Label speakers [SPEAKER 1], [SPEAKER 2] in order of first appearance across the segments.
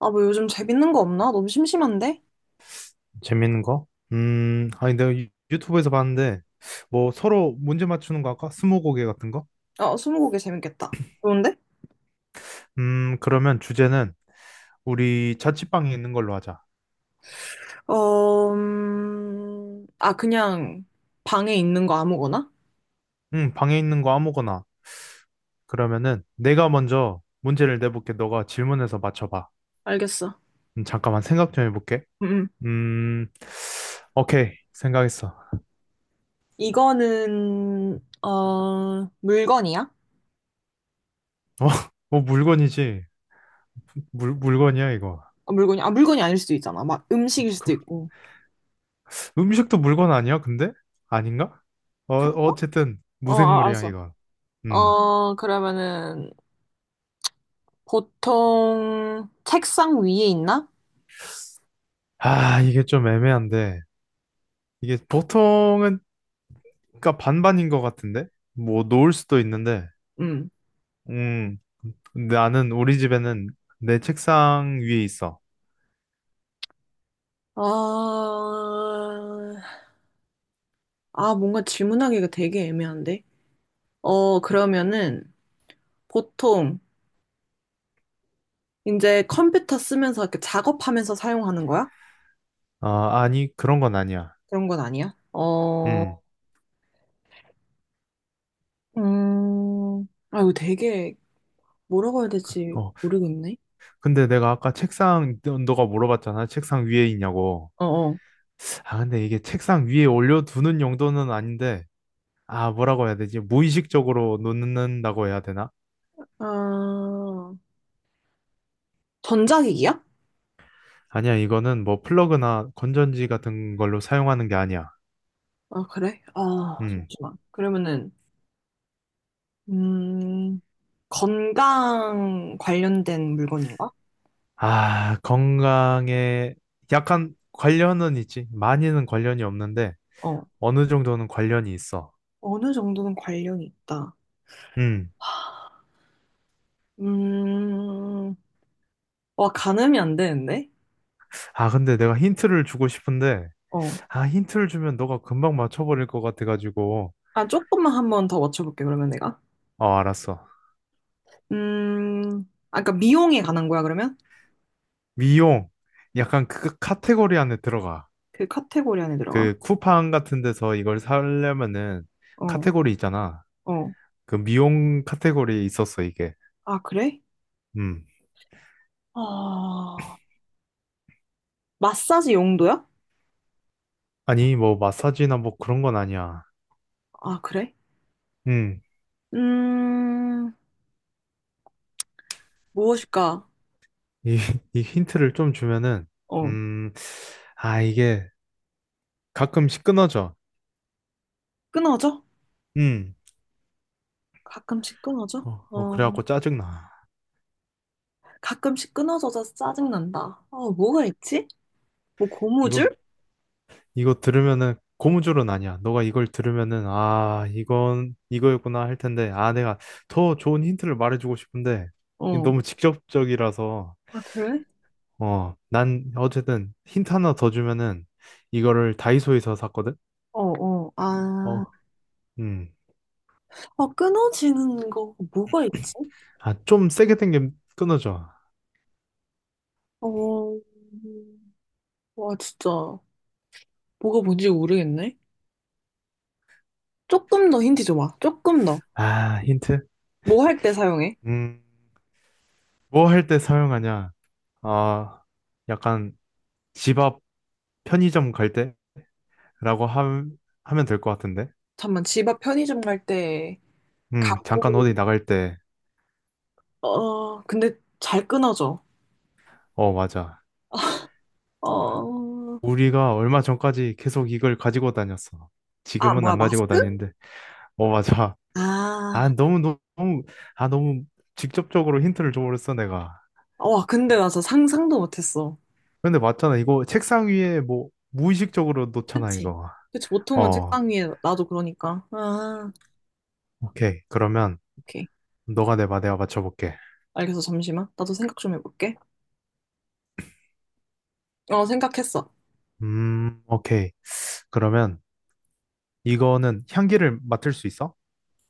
[SPEAKER 1] 아, 뭐 요즘 재밌는 거 없나? 너무 심심한데?
[SPEAKER 2] 재밌는 거? 아니, 내가 유튜브에서 봤는데, 뭐, 서로 문제 맞추는 거 할까? 스무고개 같은 거?
[SPEAKER 1] 어, 스무고개 재밌겠다. 좋은데?
[SPEAKER 2] 그러면 주제는 우리 자취방에 있는 걸로 하자.
[SPEAKER 1] 어, 그냥 방에 있는 거 아무거나?
[SPEAKER 2] 방에 있는 거 아무거나. 그러면은 내가 먼저 문제를 내볼게. 너가 질문해서 맞춰봐.
[SPEAKER 1] 알겠어.
[SPEAKER 2] 잠깐만 생각 좀 해볼게.
[SPEAKER 1] 음, 음.
[SPEAKER 2] 음, 오케이. 생각했어. 어,
[SPEAKER 1] 이거는, 어, 물건이야?
[SPEAKER 2] 뭐 물건이지. 물건이야, 이거.
[SPEAKER 1] 어, 아, 물건이 아닐 수도 있잖아. 막 음식일
[SPEAKER 2] 그,
[SPEAKER 1] 수도 있고.
[SPEAKER 2] 음식도 물건 아니야, 근데? 아닌가? 어,
[SPEAKER 1] 풀고?
[SPEAKER 2] 어쨌든
[SPEAKER 1] 어, 아,
[SPEAKER 2] 무생물이야,
[SPEAKER 1] 알았어.
[SPEAKER 2] 이거. 음.
[SPEAKER 1] 어, 그러면은, 보통 책상 위에 있나?
[SPEAKER 2] 아, 이게 좀 애매한데. 이게 보통은, 그러니까 반반인 것 같은데? 뭐, 놓을 수도 있는데.
[SPEAKER 1] 음.
[SPEAKER 2] 음, 나는 우리 집에는 내 책상 위에 있어.
[SPEAKER 1] 어, 아, 뭔가 질문하기가 되게 애매한데? 어, 그러면은 보통 이제 컴퓨터 쓰면서 이렇게 작업하면서 사용하는 거야?
[SPEAKER 2] 아니, 그런 건 아니야.
[SPEAKER 1] 그런 건 아니야? 어,
[SPEAKER 2] 음.
[SPEAKER 1] 아, 이거 되게 뭐라고 해야 될지
[SPEAKER 2] 어,
[SPEAKER 1] 모르겠네.
[SPEAKER 2] 근데 내가 아까 너가 물어봤잖아. 책상 위에 있냐고.
[SPEAKER 1] 어어.
[SPEAKER 2] 아, 근데 이게 책상 위에 올려두는 용도는 아닌데, 아, 뭐라고 해야 되지? 무의식적으로 놓는다고 해야 되나?
[SPEAKER 1] 아, 전자기기야?
[SPEAKER 2] 아니야, 이거는 뭐 플러그나 건전지 같은 걸로 사용하는 게 아니야.
[SPEAKER 1] 아, 그래? 아,
[SPEAKER 2] 음.
[SPEAKER 1] 잠시만. 그러면은, 음, 건강 관련된 물건인가?
[SPEAKER 2] 아, 건강에 약간 관련은 있지. 많이는 관련이 없는데
[SPEAKER 1] 어,
[SPEAKER 2] 어느 정도는 관련이 있어.
[SPEAKER 1] 어느 정도는 관련이 있다.
[SPEAKER 2] 음.
[SPEAKER 1] 음, 와, 가늠이 안 되는데?
[SPEAKER 2] 아, 근데 내가 힌트를 주고 싶은데
[SPEAKER 1] 어.
[SPEAKER 2] 아, 힌트를 주면 너가 금방 맞춰버릴 것 같아가지고
[SPEAKER 1] 아, 조금만 한 번 더 맞춰볼게, 그러면 내가.
[SPEAKER 2] 어, 알았어.
[SPEAKER 1] 음, 아, 그러니까 미용에 관한 거야, 그러면?
[SPEAKER 2] 미용. 약간 그 카테고리 안에 들어가.
[SPEAKER 1] 그 카테고리 안에 들어가?
[SPEAKER 2] 그 쿠팡 같은 데서 이걸 사려면은
[SPEAKER 1] 어,
[SPEAKER 2] 카테고리 있잖아.
[SPEAKER 1] 어.
[SPEAKER 2] 그 미용 카테고리에 있었어, 이게.
[SPEAKER 1] 아, 그래?
[SPEAKER 2] 음.
[SPEAKER 1] 아, 마사지 용도야?
[SPEAKER 2] 아니, 뭐 마사지나 뭐 그런 건 아니야.
[SPEAKER 1] 아, 그래?
[SPEAKER 2] 음.
[SPEAKER 1] 음, 무엇일까?
[SPEAKER 2] 이, 이 힌트를 좀 주면은,
[SPEAKER 1] 어,
[SPEAKER 2] 음, 아, 이게 가끔씩 끊어져.
[SPEAKER 1] 끊어져?
[SPEAKER 2] 음,
[SPEAKER 1] 가끔씩 끊어져?
[SPEAKER 2] 어,
[SPEAKER 1] 어,
[SPEAKER 2] 그래갖고 짜증나.
[SPEAKER 1] 가끔씩 끊어져서 짜증난다. 어, 뭐가 있지? 뭐,
[SPEAKER 2] 이거,
[SPEAKER 1] 고무줄?
[SPEAKER 2] 이거 들으면은 고무줄은 아니야. 너가 이걸 들으면은, 아, 이건 이거였구나 할 텐데, 아, 내가 더 좋은 힌트를 말해주고 싶은데, 이게
[SPEAKER 1] 어.
[SPEAKER 2] 너무 직접적이라서,
[SPEAKER 1] 아, 그래?
[SPEAKER 2] 어, 난 어쨌든 힌트 하나 더 주면은, 이거를 다이소에서 샀거든?
[SPEAKER 1] 어, 어. 아,
[SPEAKER 2] 어, 음,
[SPEAKER 1] 어, 끊어지는 거 뭐가 있지?
[SPEAKER 2] 아, 좀 세게 당기면 끊어져.
[SPEAKER 1] 어, 와, 진짜. 뭐가 뭔지 모르겠네. 조금 더 힌트 줘봐. 조금 더.
[SPEAKER 2] 아, 힌트?
[SPEAKER 1] 뭐 할 때 사용해?
[SPEAKER 2] 음. 뭐 할 때 사용하냐? 아, 약간 집 앞 편의점 갈 때라고 함- 하면 될 것 같은데?
[SPEAKER 1] 잠만, 집 앞 편의점 갈 때,
[SPEAKER 2] 응,
[SPEAKER 1] 갖고,
[SPEAKER 2] 잠깐 어디 나갈 때.
[SPEAKER 1] 어, 근데 잘 끊어져.
[SPEAKER 2] 어, 맞아.
[SPEAKER 1] 어,
[SPEAKER 2] 우리가 얼마 전까지 계속 이걸 가지고 다녔어.
[SPEAKER 1] 아,
[SPEAKER 2] 지금은
[SPEAKER 1] 뭐야,
[SPEAKER 2] 안 가지고
[SPEAKER 1] 마스크?
[SPEAKER 2] 다니는데. 어, 맞아. 아,
[SPEAKER 1] 아,
[SPEAKER 2] 너무, 너무, 너무- 아, 너무 직접적으로 힌트를 줘버렸어, 내가.
[SPEAKER 1] 와, 근데 나 진짜 상상도 못했어.
[SPEAKER 2] 근데 맞잖아. 이거 책상 위에 뭐, 무의식적으로 놓잖아,
[SPEAKER 1] 그치?
[SPEAKER 2] 이거.
[SPEAKER 1] 그치, 보통은
[SPEAKER 2] 어,
[SPEAKER 1] 책상 위에 나도 그러니까. 아,
[SPEAKER 2] 오케이. 그러면
[SPEAKER 1] 오케이.
[SPEAKER 2] 너가 내봐, 내가 맞춰볼게.
[SPEAKER 1] 알겠어, 잠시만. 나도 생각 좀 해볼게. 어, 생각했어.
[SPEAKER 2] 오케이. 그러면 이거는 향기를 맡을 수 있어?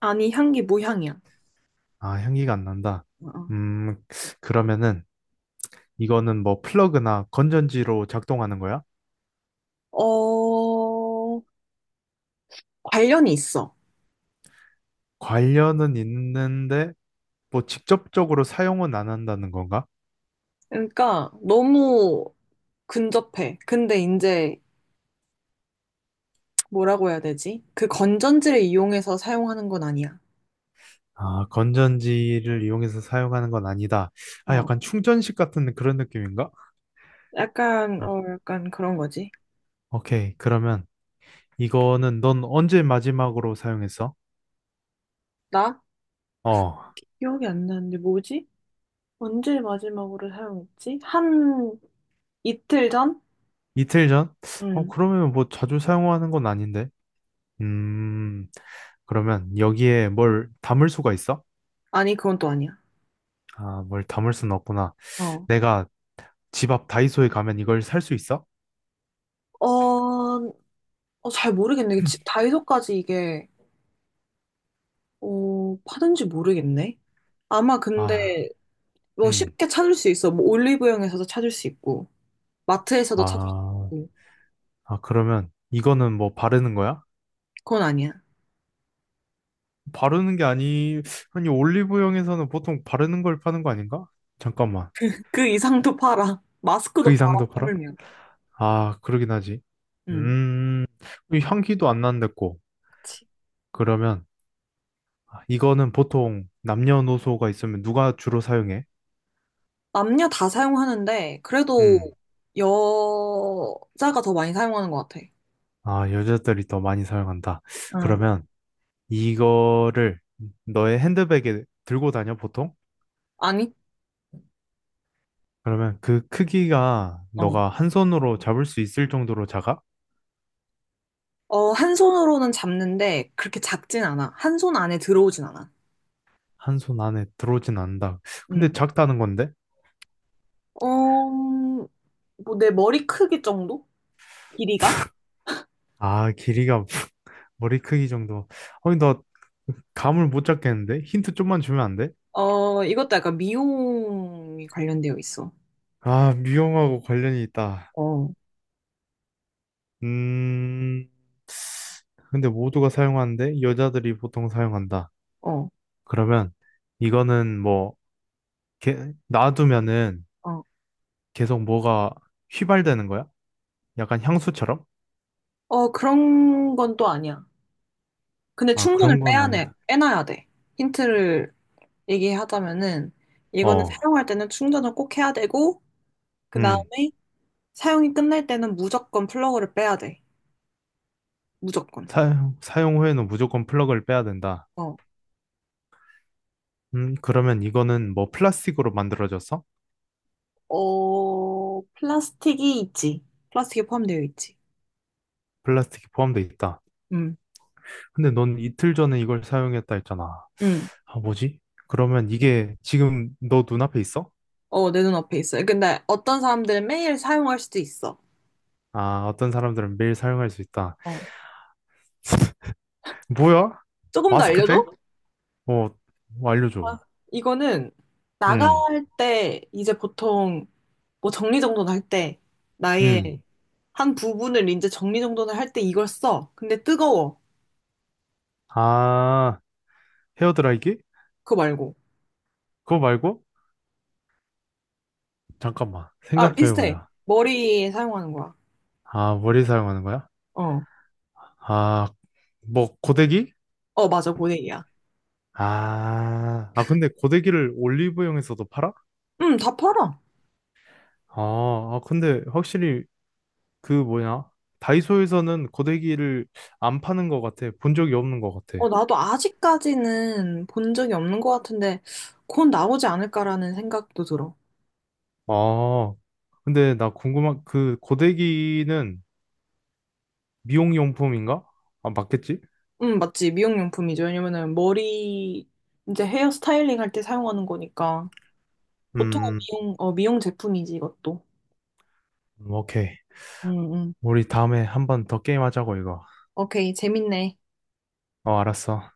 [SPEAKER 1] 아니, 향기 무향이야.
[SPEAKER 2] 아, 향기가 안 난다.
[SPEAKER 1] 어,
[SPEAKER 2] 음, 그러면은 이거는 뭐 플러그나 건전지로 작동하는 거야?
[SPEAKER 1] 어. 어, 관련이 있어.
[SPEAKER 2] 관련은 있는데 뭐 직접적으로 사용은 안 한다는 건가?
[SPEAKER 1] 그러니까 너무 근접해. 근데 이제 뭐라고 해야 되지? 그 건전지를 이용해서 사용하는 건 아니야.
[SPEAKER 2] 아, 건전지를 이용해서 사용하는 건 아니다. 아,
[SPEAKER 1] 어.
[SPEAKER 2] 약간 충전식 같은 그런 느낌인가?
[SPEAKER 1] 약간,
[SPEAKER 2] 어,
[SPEAKER 1] 어, 약간 그런 거지.
[SPEAKER 2] 오케이. 그러면 이거는 넌 언제 마지막으로 사용했어?
[SPEAKER 1] 나?
[SPEAKER 2] 어,
[SPEAKER 1] 기억이 안 나는데 뭐지? 언제 마지막으로 사용했지? 한 이틀 전?
[SPEAKER 2] 이틀 전? 어,
[SPEAKER 1] 응.
[SPEAKER 2] 그러면 뭐 자주 사용하는 건 아닌데. 음, 그러면 여기에 뭘 담을 수가 있어?
[SPEAKER 1] 아니, 그건 또 아니야.
[SPEAKER 2] 아, 뭘 담을 수는 없구나.
[SPEAKER 1] 어.
[SPEAKER 2] 내가 집 앞 다이소에 가면 이걸 살 수 있어?
[SPEAKER 1] 어, 어, 잘 모르겠네. 다이소까지 이게, 어, 파는지 모르겠네. 아마
[SPEAKER 2] 아,
[SPEAKER 1] 근데 뭐
[SPEAKER 2] 음,
[SPEAKER 1] 쉽게 찾을 수 있어. 뭐 올리브영에서도 찾을 수 있고, 마트에서도 찾을 수
[SPEAKER 2] 아,
[SPEAKER 1] 있고.
[SPEAKER 2] 아, 그러면 이거는 뭐 바르는 거야?
[SPEAKER 1] 그건 아니야.
[SPEAKER 2] 바르는 게 아니, 아니, 올리브영에서는 보통 바르는 걸 파는 거 아닌가? 잠깐만,
[SPEAKER 1] 그 이상도 팔아.
[SPEAKER 2] 그
[SPEAKER 1] 마스크도 팔아,
[SPEAKER 2] 이상도 팔아?
[SPEAKER 1] 하물며.
[SPEAKER 2] 아, 그러긴 하지.
[SPEAKER 1] 음.
[SPEAKER 2] 음, 이 향기도 안 난댔고.
[SPEAKER 1] 그치.
[SPEAKER 2] 그러면 이거는 보통 남녀노소가 있으면 누가 주로 사용해?
[SPEAKER 1] 남녀 다 사용하는데, 그래도
[SPEAKER 2] 음.
[SPEAKER 1] 여자가 더 많이 사용하는 것 같아.
[SPEAKER 2] 아, 여자들이 더 많이 사용한다.
[SPEAKER 1] 응.
[SPEAKER 2] 그러면 이거를 너의 핸드백에 들고 다녀, 보통?
[SPEAKER 1] 아니?
[SPEAKER 2] 그러면 그 크기가
[SPEAKER 1] 어.
[SPEAKER 2] 너가 한 손으로 잡을 수 있을 정도로 작아?
[SPEAKER 1] 어, 한 손으로는 잡는데, 그렇게 작진 않아. 한 손 안에 들어오진 않아.
[SPEAKER 2] 한 손 안에 들어오진 않는다. 근데
[SPEAKER 1] 음,
[SPEAKER 2] 작다는 건데?
[SPEAKER 1] 어, 뭐, 내 머리 크기 정도? 길이가?
[SPEAKER 2] 아, 길이가 머리 크기 정도. 아니, 나 감을 못 잡겠는데? 힌트 좀만 주면 안 돼?
[SPEAKER 1] 어, 이것도 약간 미용이 관련되어 있어.
[SPEAKER 2] 아, 미용하고 관련이 있다.
[SPEAKER 1] 어.
[SPEAKER 2] 음, 근데 모두가 사용하는데 여자들이 보통 사용한다.
[SPEAKER 1] 어,
[SPEAKER 2] 그러면 이거는 뭐 놔두면은
[SPEAKER 1] 어.
[SPEAKER 2] 계속 뭐가 휘발되는 거야? 약간 향수처럼?
[SPEAKER 1] 어, 그런 건 또 아니야. 근데
[SPEAKER 2] 아,
[SPEAKER 1] 충전을
[SPEAKER 2] 그런 건
[SPEAKER 1] 빼야 돼,
[SPEAKER 2] 아니다.
[SPEAKER 1] 빼놔야 돼. 힌트를 얘기하자면은, 이거는
[SPEAKER 2] 어,
[SPEAKER 1] 사용할 때는 충전을 꼭 해야 되고, 그
[SPEAKER 2] 음,
[SPEAKER 1] 다음에 사용이 끝날 때는 무조건 플러그를 빼야 돼. 무조건.
[SPEAKER 2] 사용 후에는 무조건 플러그를 빼야 된다.
[SPEAKER 1] 어,
[SPEAKER 2] 그러면 이거는 뭐 플라스틱으로 만들어졌어?
[SPEAKER 1] 어, 플라스틱이 있지. 플라스틱이 포함되어 있지.
[SPEAKER 2] 플라스틱이 포함돼 있다.
[SPEAKER 1] 응,
[SPEAKER 2] 근데 넌 이틀 전에 이걸 사용했다 했잖아.
[SPEAKER 1] 응.
[SPEAKER 2] 아, 뭐지? 그러면 이게 지금 너 눈앞에 있어?
[SPEAKER 1] 어, 내 눈앞에 있어요. 근데 어떤 사람들은 매일 사용할 수도 있어.
[SPEAKER 2] 아, 어떤 사람들은 매일 사용할 수 있다.
[SPEAKER 1] 어.
[SPEAKER 2] 뭐야?
[SPEAKER 1] 조금 더
[SPEAKER 2] 마스크팩?
[SPEAKER 1] 알려줘?
[SPEAKER 2] 어, 뭐
[SPEAKER 1] 아,
[SPEAKER 2] 알려줘.
[SPEAKER 1] 이거는 나갈
[SPEAKER 2] 응,
[SPEAKER 1] 때 이제 보통 뭐 정리정돈을 할 때, 나의
[SPEAKER 2] 응.
[SPEAKER 1] 한 부분을 이제 정리정돈을 할 때 이걸 써. 근데 뜨거워.
[SPEAKER 2] 아, 헤어드라이기?
[SPEAKER 1] 그거 말고.
[SPEAKER 2] 그거 말고? 잠깐만.
[SPEAKER 1] 아,
[SPEAKER 2] 생각 좀
[SPEAKER 1] 비슷해.
[SPEAKER 2] 해보자.
[SPEAKER 1] 머리에 사용하는 거야.
[SPEAKER 2] 아, 머리 사용하는 거야?
[SPEAKER 1] 어.
[SPEAKER 2] 아, 뭐, 고데기?
[SPEAKER 1] 어, 맞아. 고데기야.
[SPEAKER 2] 아, 아, 근데 고데기를 올리브영에서도 팔아?
[SPEAKER 1] 응, 다 팔아.
[SPEAKER 2] 아, 아, 근데 확실히 그 뭐냐? 다이소에서는 고데기를 안 파는 것 같아. 본 적이 없는 것 같아.
[SPEAKER 1] 어, 나도 아직까지는 본 적이 없는 것 같은데, 곧 나오지 않을까라는 생각도 들어.
[SPEAKER 2] 아, 근데 나 궁금한, 그 고데기는 미용용품인가? 아, 맞겠지?
[SPEAKER 1] 응, 맞지. 미용용품이죠. 왜냐면은 머리, 이제 헤어 스타일링 할 때 사용하는 거니까. 보통은
[SPEAKER 2] 음,
[SPEAKER 1] 미용, 어, 미용 제품이지, 이것도.
[SPEAKER 2] 오케이.
[SPEAKER 1] 응, 응.
[SPEAKER 2] 우리 다음에 한 번 더 게임하자고, 이거.
[SPEAKER 1] 오케이. 재밌네.
[SPEAKER 2] 어, 알았어.